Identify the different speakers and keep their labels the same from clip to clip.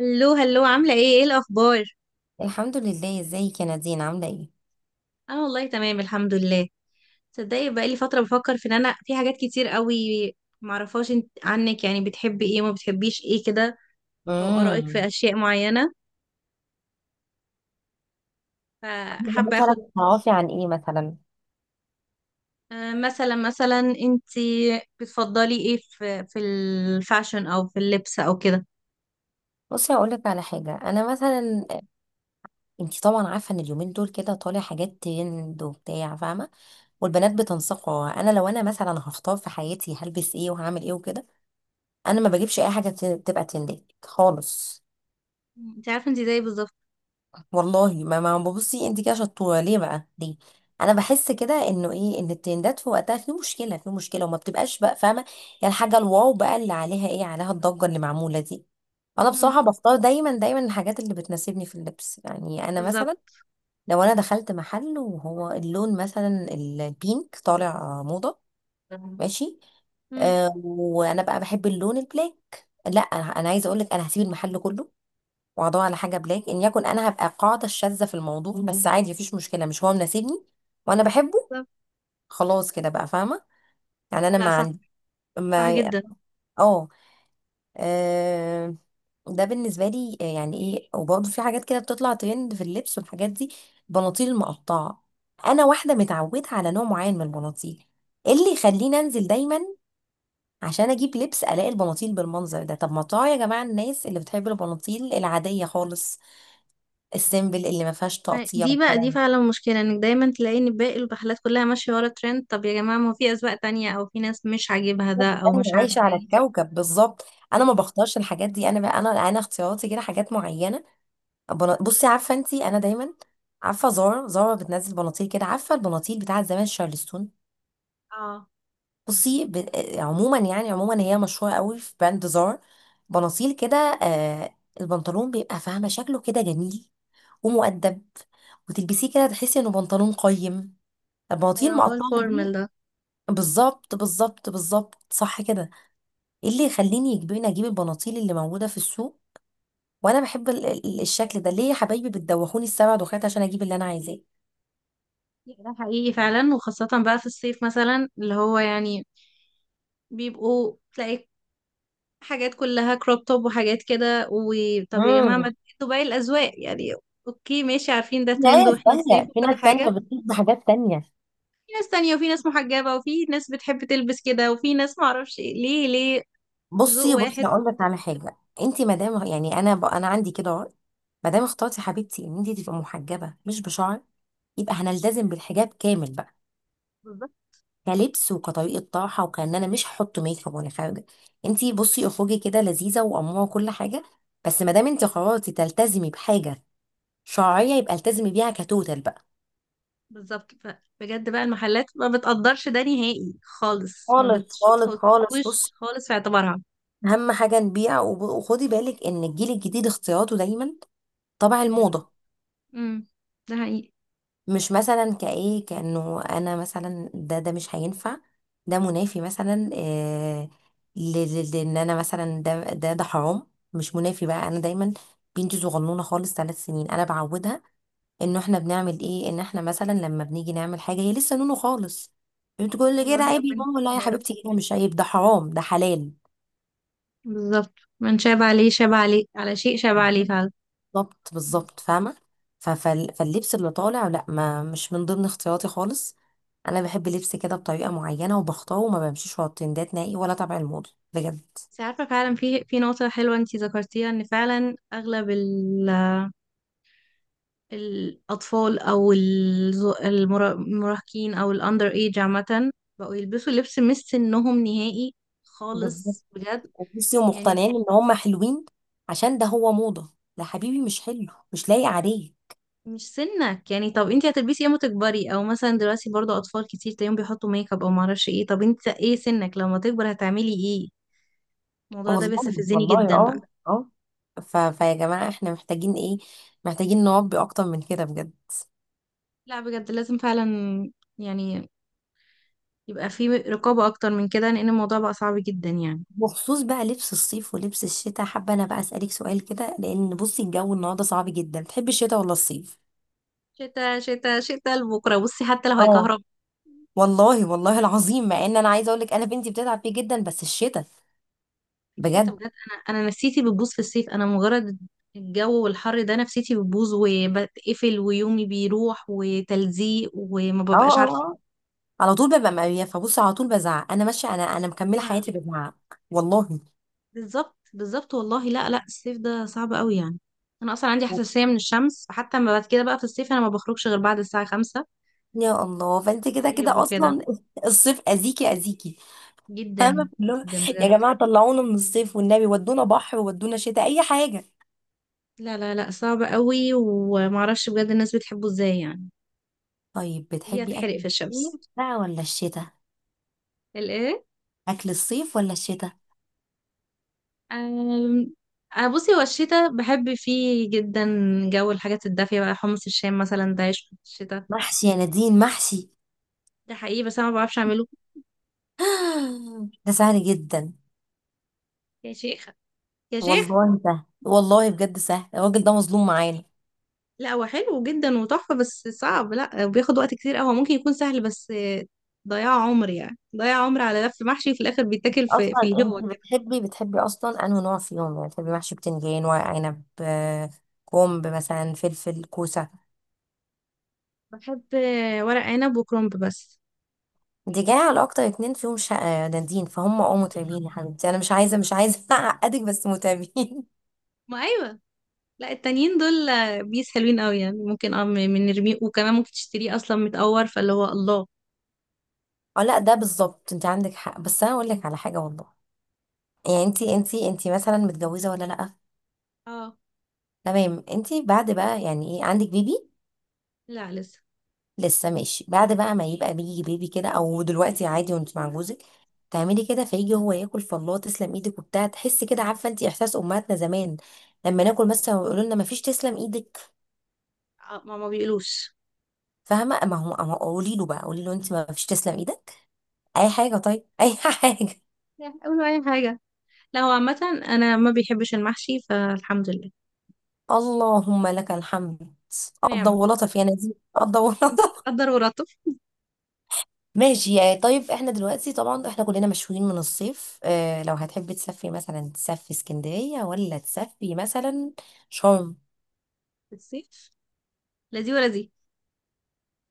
Speaker 1: هلو هلو، عاملة ايه؟ ايه الأخبار؟
Speaker 2: الحمد لله، ازيك يا نادين؟ عامله ايه؟
Speaker 1: أنا والله تمام الحمد لله. تصدقي بقالي فترة بفكر في إن أنا في حاجات كتير قوي معرفهاش عنك، يعني بتحبي ايه وما بتحبيش ايه كده، أو آرائك في
Speaker 2: امم
Speaker 1: أشياء معينة. فحابة أخد.
Speaker 2: مثلا تعرفي عن ايه مثلا؟
Speaker 1: آه، مثلا انت بتفضلي ايه في الفاشن أو في اللبس أو كده؟
Speaker 2: بصي هقول لك على حاجه. انا مثلا، انت طبعا عارفه ان اليومين دول كده طالع حاجات ترند وبتاع، فاهمه؟ والبنات بتنسقها. انا لو انا مثلا هختار في حياتي هلبس ايه وهعمل ايه وكده، انا ما بجيبش اي حاجه تبقى ترندات خالص.
Speaker 1: انت عارفة انت زيي بالظبط.
Speaker 2: والله ما ببصي. انت كده شطوره ليه بقى، ليه؟ انا بحس كده انه ايه، ان الترندات في وقتها في مشكله، في مشكله، وما بتبقاش بقى، فاهمه؟ يعني الحاجه الواو بقى، اللي عليها ايه، عليها الضجه اللي معموله دي. انا
Speaker 1: مم،
Speaker 2: بصراحه بختار دايما دايما الحاجات اللي بتناسبني في اللبس. يعني انا مثلا
Speaker 1: بالظبط.
Speaker 2: لو انا دخلت محل وهو اللون مثلا البينك طالع موضه، ماشي،
Speaker 1: مم،
Speaker 2: آه، وانا بقى بحب اللون البلاك، لا. أنا عايزه اقول لك، انا هسيب المحل كله واقعدوها على حاجه بلاك، ان يكن انا هبقى القاعده الشاذه في الموضوع، بس عادي مفيش مشكله، مش هو مناسبني وانا بحبه.
Speaker 1: بالظبط.
Speaker 2: خلاص كده بقى، فاهمه؟ يعني انا
Speaker 1: لا
Speaker 2: ما
Speaker 1: صح،
Speaker 2: عندي
Speaker 1: صح
Speaker 2: ما.
Speaker 1: جدا.
Speaker 2: اه آه، ده بالنسبه لي. يعني ايه، وبرضه في حاجات كده بتطلع ترند في اللبس والحاجات دي، البناطيل المقطعه. انا واحده متعوده على نوع معين من البناطيل، إيه اللي يخليني انزل دايما عشان اجيب لبس الاقي البناطيل بالمنظر ده؟ طب ما طاعة يا جماعه، الناس اللي بتحب البناطيل العاديه خالص، السيمبل اللي ما فيهاش تقطيع
Speaker 1: دي بقى
Speaker 2: والكلام
Speaker 1: دي
Speaker 2: ده.
Speaker 1: فعلا مشكلة، انك دايما تلاقي ان باقي الرحلات كلها ماشية ورا الترند. طب يا جماعة، ما هو في أذواق تانية، او في ناس مش عاجبها ده، او
Speaker 2: انا
Speaker 1: مش عارفة
Speaker 2: عايشه على
Speaker 1: ايه.
Speaker 2: الكوكب، بالظبط. انا
Speaker 1: صح.
Speaker 2: ما بختارش الحاجات دي، انا بقى، انا اختياراتي كده حاجات معينه. بصي، عارفه انت انا دايما عارفه زارا؟ زارا بتنزل بناطيل كده، عارفه البناطيل بتاعه زمان، شارلستون؟
Speaker 1: اه.
Speaker 2: بصي ب... آه، عموما، يعني عموما هي مشهوره قوي في براند زارا. بناطيل كده، آه. البنطلون بيبقى، فاهمه، شكله كده جميل ومؤدب، وتلبسيه كده تحسي انه بنطلون قيم. البناطيل
Speaker 1: ايوه، هو
Speaker 2: المقطعه
Speaker 1: الفورمال
Speaker 2: دي،
Speaker 1: ده.
Speaker 2: بالظبط بالظبط بالظبط، صح كده. ايه اللي يخليني يجبرني اجيب البناطيل اللي موجوده في السوق وانا بحب الشكل ده؟ ليه يا حبايبي بتدوخوني السبع دوخات عشان اجيب اللي انا عايزاه؟
Speaker 1: ده حقيقي فعلا، وخاصة بقى في الصيف مثلا، اللي هو يعني بيبقوا تلاقي حاجات كلها كروب توب وحاجات كده. وطب يا جماعة، ما
Speaker 2: امم
Speaker 1: انتوا باقي الأذواق يعني. اوكي ماشي، عارفين ده
Speaker 2: في
Speaker 1: ترند
Speaker 2: ناس
Speaker 1: واحنا في صيف
Speaker 2: تانية، في
Speaker 1: وكل
Speaker 2: ناس
Speaker 1: حاجة.
Speaker 2: تانية بتطلب بحاجات تانية.
Speaker 1: في ناس تانية، وفي ناس محجبة، وفي ناس بتحب تلبس كده، وفي ناس معرفش إيه. ليه؟ ليه ذوق
Speaker 2: بصي
Speaker 1: واحد؟
Speaker 2: بصي اقول لك على حاجه، انت مدام، يعني انا انا عندي كده رأي. مادام اخترتي حبيبتي ان انت تبقى محجبه مش بشعر، يبقى هنلتزم بالحجاب كامل بقى،
Speaker 1: بالظبط
Speaker 2: كلبس وكطريقه طرحه. وكان انا مش هحط ميك اب وانا خارجه، انت بصي اخرجي كده لذيذه واموره وكل حاجه، بس مادام انت قررتي تلتزمي بحاجه شرعية يبقى التزمي بيها كتوتال بقى.
Speaker 1: بالظبط. بجد بقى المحلات ما بتقدرش ده نهائي خالص، ما
Speaker 2: خالص خالص خالص، بص،
Speaker 1: بتحطوش خالص في اعتبارها.
Speaker 2: أهم حاجة نبيع. وخدي بالك إن الجيل الجديد اختياراته دايما طبع
Speaker 1: غريب.
Speaker 2: الموضة،
Speaker 1: امم. ده حقيقي.
Speaker 2: مش مثلا كإيه، كأنه أنا مثلا ده مش هينفع، ده منافي مثلا، آه، لأن أنا مثلا ده حرام، مش منافي بقى. أنا دايما، بنتي صغنونة خالص، 3 سنين، أنا بعودها انه احنا بنعمل ايه. ان احنا مثلا لما بنيجي نعمل حاجه هي لسه نونو خالص بتقول لي كده،
Speaker 1: والله
Speaker 2: عيب يا
Speaker 1: ربنا.
Speaker 2: ماما؟ لا يا
Speaker 1: يا رب.
Speaker 2: حبيبتي، كده مش عيب، ده حرام ده حلال.
Speaker 1: بالظبط. من شاب عليه شاب عليه، على شيء شاب عليه
Speaker 2: بالظبط
Speaker 1: فعلا.
Speaker 2: بالظبط بالظبط، فاهمه؟ فاللبس اللي طالع لا، ما مش من ضمن اختياراتي خالص. انا بحب لبس كده بطريقه معينه وبختاره، وما بمشيش ورا الترندات نهائي ولا تبع الموضه بجد.
Speaker 1: بس عارفة، فعلا في نقطة حلوة انتي ذكرتيها، ان فعلا اغلب الأطفال أو المراهقين أو الأندر إيج عامة بقوا يلبسوا لبس مش سنهم نهائي
Speaker 2: بالظبط.
Speaker 1: خالص، بجد.
Speaker 2: بصي،
Speaker 1: يعني
Speaker 2: ومقتنعين ان هم حلوين عشان ده هو موضه. لا حبيبي، مش حلو، مش لايق عليك.
Speaker 1: مش سنك يعني. طب انت هتلبسي ايه اما تكبري؟ او مثلا دلوقتي برضو اطفال كتير تلاقيهم بيحطوا ميك اب او معرفش ايه. طب انت ايه سنك لما تكبر، هتعملي ايه؟ الموضوع ده
Speaker 2: والله،
Speaker 1: بيستفزني
Speaker 2: والله.
Speaker 1: جدا بقى.
Speaker 2: اه فيا جماعة احنا محتاجين ايه؟ محتاجين نربي اكتر من كده بجد.
Speaker 1: لا بجد لازم فعلا، يعني يبقى في رقابة اكتر من كده، لان الموضوع بقى صعب جدا يعني.
Speaker 2: بخصوص بقى لبس الصيف ولبس الشتاء، حابة انا بقى اسألك سؤال كده، لان بصي الجو النهاردة صعب جدا. تحبي الشتاء ولا الصيف؟
Speaker 1: شتا شتا شتا، لبكره بصي حتى لو
Speaker 2: اه
Speaker 1: هيكهرب.
Speaker 2: والله، والله العظيم، مع ان انا عايزة اقولك انا بنتي بتتعب فيه جدا، بس الشتاء
Speaker 1: شتا
Speaker 2: بجد.
Speaker 1: بجد. انا نفسيتي بتبوظ في الصيف. انا مجرد الجو والحر ده نفسيتي بتبوظ وبتقفل ويومي بيروح وتلزيق وما
Speaker 2: اه،
Speaker 1: ببقاش
Speaker 2: اه،
Speaker 1: عارفة.
Speaker 2: اه، على طول ببقى مقرفة، بصي على طول بزعق، انا ماشية، انا مكملة حياتي بزعق. والله.
Speaker 1: بالظبط بالظبط والله. لا لا، الصيف ده صعب قوي يعني. انا اصلا عندي
Speaker 2: اه
Speaker 1: حساسيه من الشمس، فحتى ما بعد كده بقى في الصيف انا ما بخرجش غير بعد الساعه خمسة.
Speaker 2: يا الله، فانت كده
Speaker 1: تعب
Speaker 2: كده
Speaker 1: وكده.
Speaker 2: اصلا. الصيف اذيكي اذيكي. انا
Speaker 1: جدا.
Speaker 2: اللي هو،
Speaker 1: جدا
Speaker 2: يا
Speaker 1: بجد.
Speaker 2: جماعه طلعونا من الصيف والنبي، ودونا بحر، ودونا شتاء، اي حاجه.
Speaker 1: لا لا لا، صعب قوي، ومعرفش بجد الناس بتحبه ازاي يعني.
Speaker 2: طيب،
Speaker 1: ليه
Speaker 2: بتحبي
Speaker 1: هتحرق
Speaker 2: اكل
Speaker 1: في
Speaker 2: الصيف
Speaker 1: الشمس؟
Speaker 2: بقى ولا الشتاء؟
Speaker 1: الايه؟
Speaker 2: اكل الصيف ولا الشتاء؟
Speaker 1: أم... أه بصي، هو الشتا بحب فيه جدا. جو الحاجات الدافيه بقى، حمص الشام مثلا ده عيش في الشتا.
Speaker 2: محشي يا نادين، محشي.
Speaker 1: ده حقيقي، بس انا ما بعرفش اعمله.
Speaker 2: ده سهل جدا.
Speaker 1: يا شيخه يا شيخه.
Speaker 2: والله سهل، والله بجد سهل، الراجل ده مظلوم معانا.
Speaker 1: لا هو حلو جدا وتحفة، بس صعب. لا بياخد وقت كتير قوي، هو ممكن يكون سهل، بس ضياع عمر يعني، ضياع عمر على لف محشي في الآخر بيتاكل في
Speaker 2: اصلا
Speaker 1: الهوا
Speaker 2: انت
Speaker 1: كده.
Speaker 2: بتحبي اصلا انه نوع فيهم، يعني بتحبي محشي بتنجان، ورق عنب، آه، كرنب مثلا، فلفل، كوسه؟
Speaker 1: بحب ورق عنب وكرنب بس.
Speaker 2: دي جايه على اكتر 2 فيهم شقة نادين، فهم متعبين يا حبيبتي، انا مش عايزه، مش عايزه اعقدك، بس متعبين.
Speaker 1: ما أيوة. لا التانيين دول بيس حلوين قوي يعني، ممكن اه من نرميه، وكمان ممكن تشتريه أصلا متقور فاللي هو الله.
Speaker 2: اه، لا ده بالظبط، انت عندك حق، بس انا اقول لك على حاجه والله. يعني انت مثلا متجوزه ولا لا؟
Speaker 1: اه.
Speaker 2: تمام، انت بعد بقى، يعني ايه، عندك بيبي؟
Speaker 1: لا لسه.
Speaker 2: لسه؟ ماشي. بعد بقى ما يبقى بيجي بيبي كده، او دلوقتي عادي، وانت مع جوزك تعملي كده فيجي هو ياكل، فالله، تسلم ايدك، وبتاع، تحسي كده، عارفه انت احساس امهاتنا زمان لما ناكل مثلا ويقولوا لنا ما فيش تسلم ايدك،
Speaker 1: آه، ما بيقولوش.
Speaker 2: فاهمه؟ ما هو قولي له بقى، قولي له انت ما فيش تسلم ايدك اي حاجه، طيب، اي حاجه.
Speaker 1: لا قولوا أي حاجة. لا هو عامة أنا ما بيحبش المحشي، فالحمد لله.
Speaker 2: اللهم لك الحمد، قضى
Speaker 1: نعمة.
Speaker 2: ولطف يا نزيه، قضى
Speaker 1: الحمد لله
Speaker 2: ولطف.
Speaker 1: قدر ورتب.
Speaker 2: ماشي يعني. طيب احنا دلوقتي طبعا احنا كلنا مشحونين من الصيف، لو هتحبي تسافري مثلا، تسافري اسكندريه ولا تسافري مثلا شرم؟
Speaker 1: في الصيف لا دي ولا دي.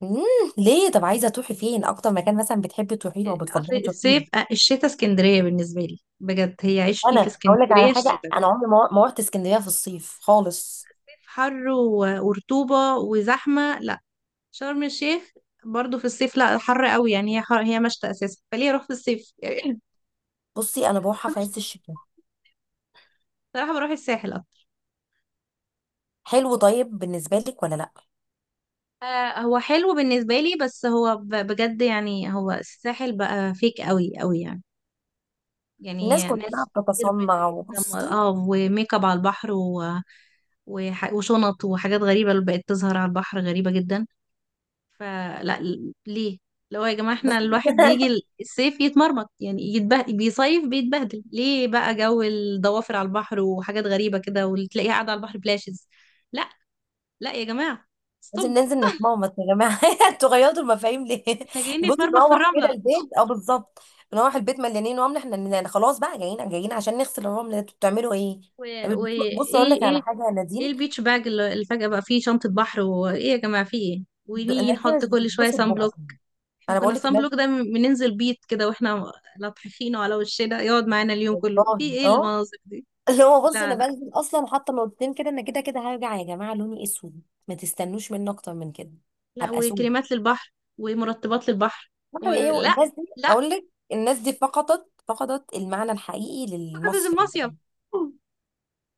Speaker 2: مم. ليه؟ طب عايزه تروحي فين؟ اكتر مكان مثلا بتحبي تروحي له او
Speaker 1: اصل
Speaker 2: بتفضلي تروحي له؟
Speaker 1: الصيف آه، الشتاء اسكندريه بالنسبه لي بجد هي عشقي، في
Speaker 2: انا هقول لك على
Speaker 1: اسكندريه
Speaker 2: حاجه،
Speaker 1: الشتاء.
Speaker 2: انا عمري ما رحت اسكندريه في الصيف خالص.
Speaker 1: حر ورطوبه وزحمه، لا. شرم الشيخ برضو في الصيف لا، حر قوي يعني، هي حر، هي مشتى اساسا، فليه اروح في الصيف يعني؟
Speaker 2: بصي انا بروحها في عز الشتاء.
Speaker 1: صراحه بروح الساحل اكتر.
Speaker 2: حلو، طيب بالنسبه لك ولا لا؟
Speaker 1: آه، هو حلو بالنسبه لي، بس هو بجد يعني، هو الساحل بقى فيك قوي قوي يعني.
Speaker 2: الناس
Speaker 1: يعني
Speaker 2: كلها
Speaker 1: ناس كتير بت
Speaker 2: بتتصنع، وبصي
Speaker 1: اه، وميك اب على البحر وشنط وحاجات غريبة اللي بقت تظهر على البحر غريبة جدا. فلا ليه؟ لو يا جماعة احنا
Speaker 2: بس.
Speaker 1: الواحد بيجي الصيف يتمرمط، يعني يتبهدل، بيصيف بيتبهدل، ليه بقى جو الضوافر على البحر وحاجات غريبة كده، وتلاقيها قاعدة على البحر بلاشز؟ لا لا يا جماعة،
Speaker 2: لازم
Speaker 1: ستوب.
Speaker 2: ننزل نتمومط يا جماعه. انتوا غيرتوا المفاهيم ليه؟
Speaker 1: احنا جايين
Speaker 2: نبص
Speaker 1: نتمرمخ في
Speaker 2: نروح
Speaker 1: الرملة؟
Speaker 2: كده البيت، اه، بالظبط، نروح البيت مليانين رمل احنا، خلاص بقى، جايين جايين عشان نغسل الرمل ده، انتوا بتعملوا ايه؟
Speaker 1: وايه؟
Speaker 2: طب،
Speaker 1: ايه
Speaker 2: بص اقول لك على
Speaker 1: ايه
Speaker 2: حاجه يا
Speaker 1: ايه
Speaker 2: نادين،
Speaker 1: البيتش باج اللي فجأة بقى فيه شنطة بحر، وايه يا جماعة فيه ايه، ونيجي
Speaker 2: الناس دي
Speaker 1: نحط
Speaker 2: مش
Speaker 1: كل شوية
Speaker 2: بتتبسط
Speaker 1: سان بلوك؟
Speaker 2: بوقتهم.
Speaker 1: احنا
Speaker 2: انا
Speaker 1: كنا
Speaker 2: بقول لك
Speaker 1: السان
Speaker 2: الناس،
Speaker 1: بلوك ده بننزل بيت كده واحنا لطحخينه على وشنا، يقعد معانا اليوم كله في
Speaker 2: والله،
Speaker 1: ايه
Speaker 2: اه،
Speaker 1: المناظر دي.
Speaker 2: اللي هو، بص
Speaker 1: لا
Speaker 2: انا
Speaker 1: لا
Speaker 2: بنزل اصلا حاطه نقطتين كده. انا كده كده هرجع يا جماعه لوني اسود، ما تستنوش مني اكتر من كده،
Speaker 1: لا،
Speaker 2: هبقى سود.
Speaker 1: وكريمات للبحر ومرطبات للبحر.
Speaker 2: عارفة
Speaker 1: ولا
Speaker 2: ايه
Speaker 1: لا
Speaker 2: الناس دي،
Speaker 1: لا،
Speaker 2: اقول لك الناس دي فقدت المعنى الحقيقي
Speaker 1: فقط
Speaker 2: للمصري
Speaker 1: المصيف.
Speaker 2: بجد.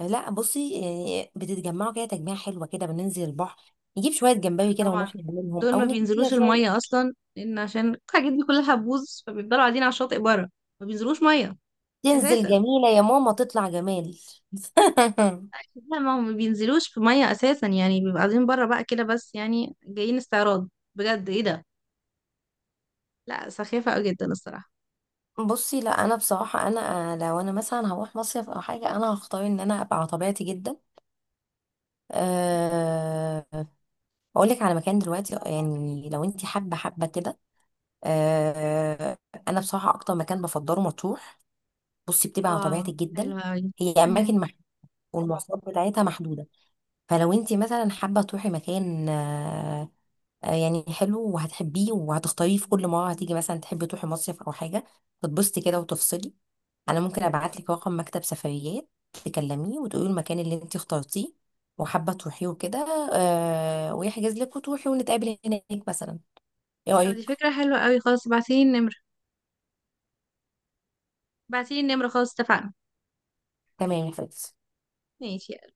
Speaker 2: لا بصي، يعني بتتجمعوا كده تجميعة حلوة كده، بننزل البحر، نجيب شوية جمبري كده،
Speaker 1: طبعا
Speaker 2: ونروح نعملهم،
Speaker 1: دول ما
Speaker 2: او نجيب كده
Speaker 1: بينزلوش
Speaker 2: شوية.
Speaker 1: المية أصلا، لأن عشان الحاجات دي كلها بوز، فبيفضلوا قاعدين على الشاطئ بره. ما بينزلوش مية
Speaker 2: تنزل
Speaker 1: أساسا.
Speaker 2: جميلة يا ماما، تطلع جمال.
Speaker 1: لا ما هم ما بينزلوش في مية أساسا، يعني بيبقوا قاعدين بره بقى كده بس، يعني جايين استعراض. بجد إيه ده، لا سخيفة أوي جدا الصراحة.
Speaker 2: بصي لا، انا بصراحة انا لو انا مثلا هروح مصيف او حاجة، انا هختار ان انا ابقى على طبيعتي جدا. أه، اقول لك على مكان دلوقتي، يعني لو انت حابة كده، آه، انا بصراحه اكتر مكان بفضله مطروح. بصي بتبقى على
Speaker 1: اه.
Speaker 2: طبيعتك جدا،
Speaker 1: حلوة أوي.
Speaker 2: هي
Speaker 1: مم.
Speaker 2: اماكن محدوده، والمواصلات بتاعتها محدوده، فلو انت مثلا حابه تروحي مكان، يعني حلو وهتحبيه وهتختاريه في كل مره هتيجي مثلا تحبي تروحي مصيف او حاجه تتبسطي كده وتفصلي، انا ممكن ابعت لك رقم مكتب سفريات، تكلميه وتقولي المكان اللي انت اخترتيه وحابه تروحيه وكده، ويحجز لك، وتروحي، ونتقابل هناك مثلا. ايه
Speaker 1: طب دي
Speaker 2: رايك؟
Speaker 1: فكرة حلوة أوي، خلاص ابعتيلي النمرة. ابعتيلي النمرة، خلاص اتفقنا.
Speaker 2: تمام يا فندم.
Speaker 1: ماشي.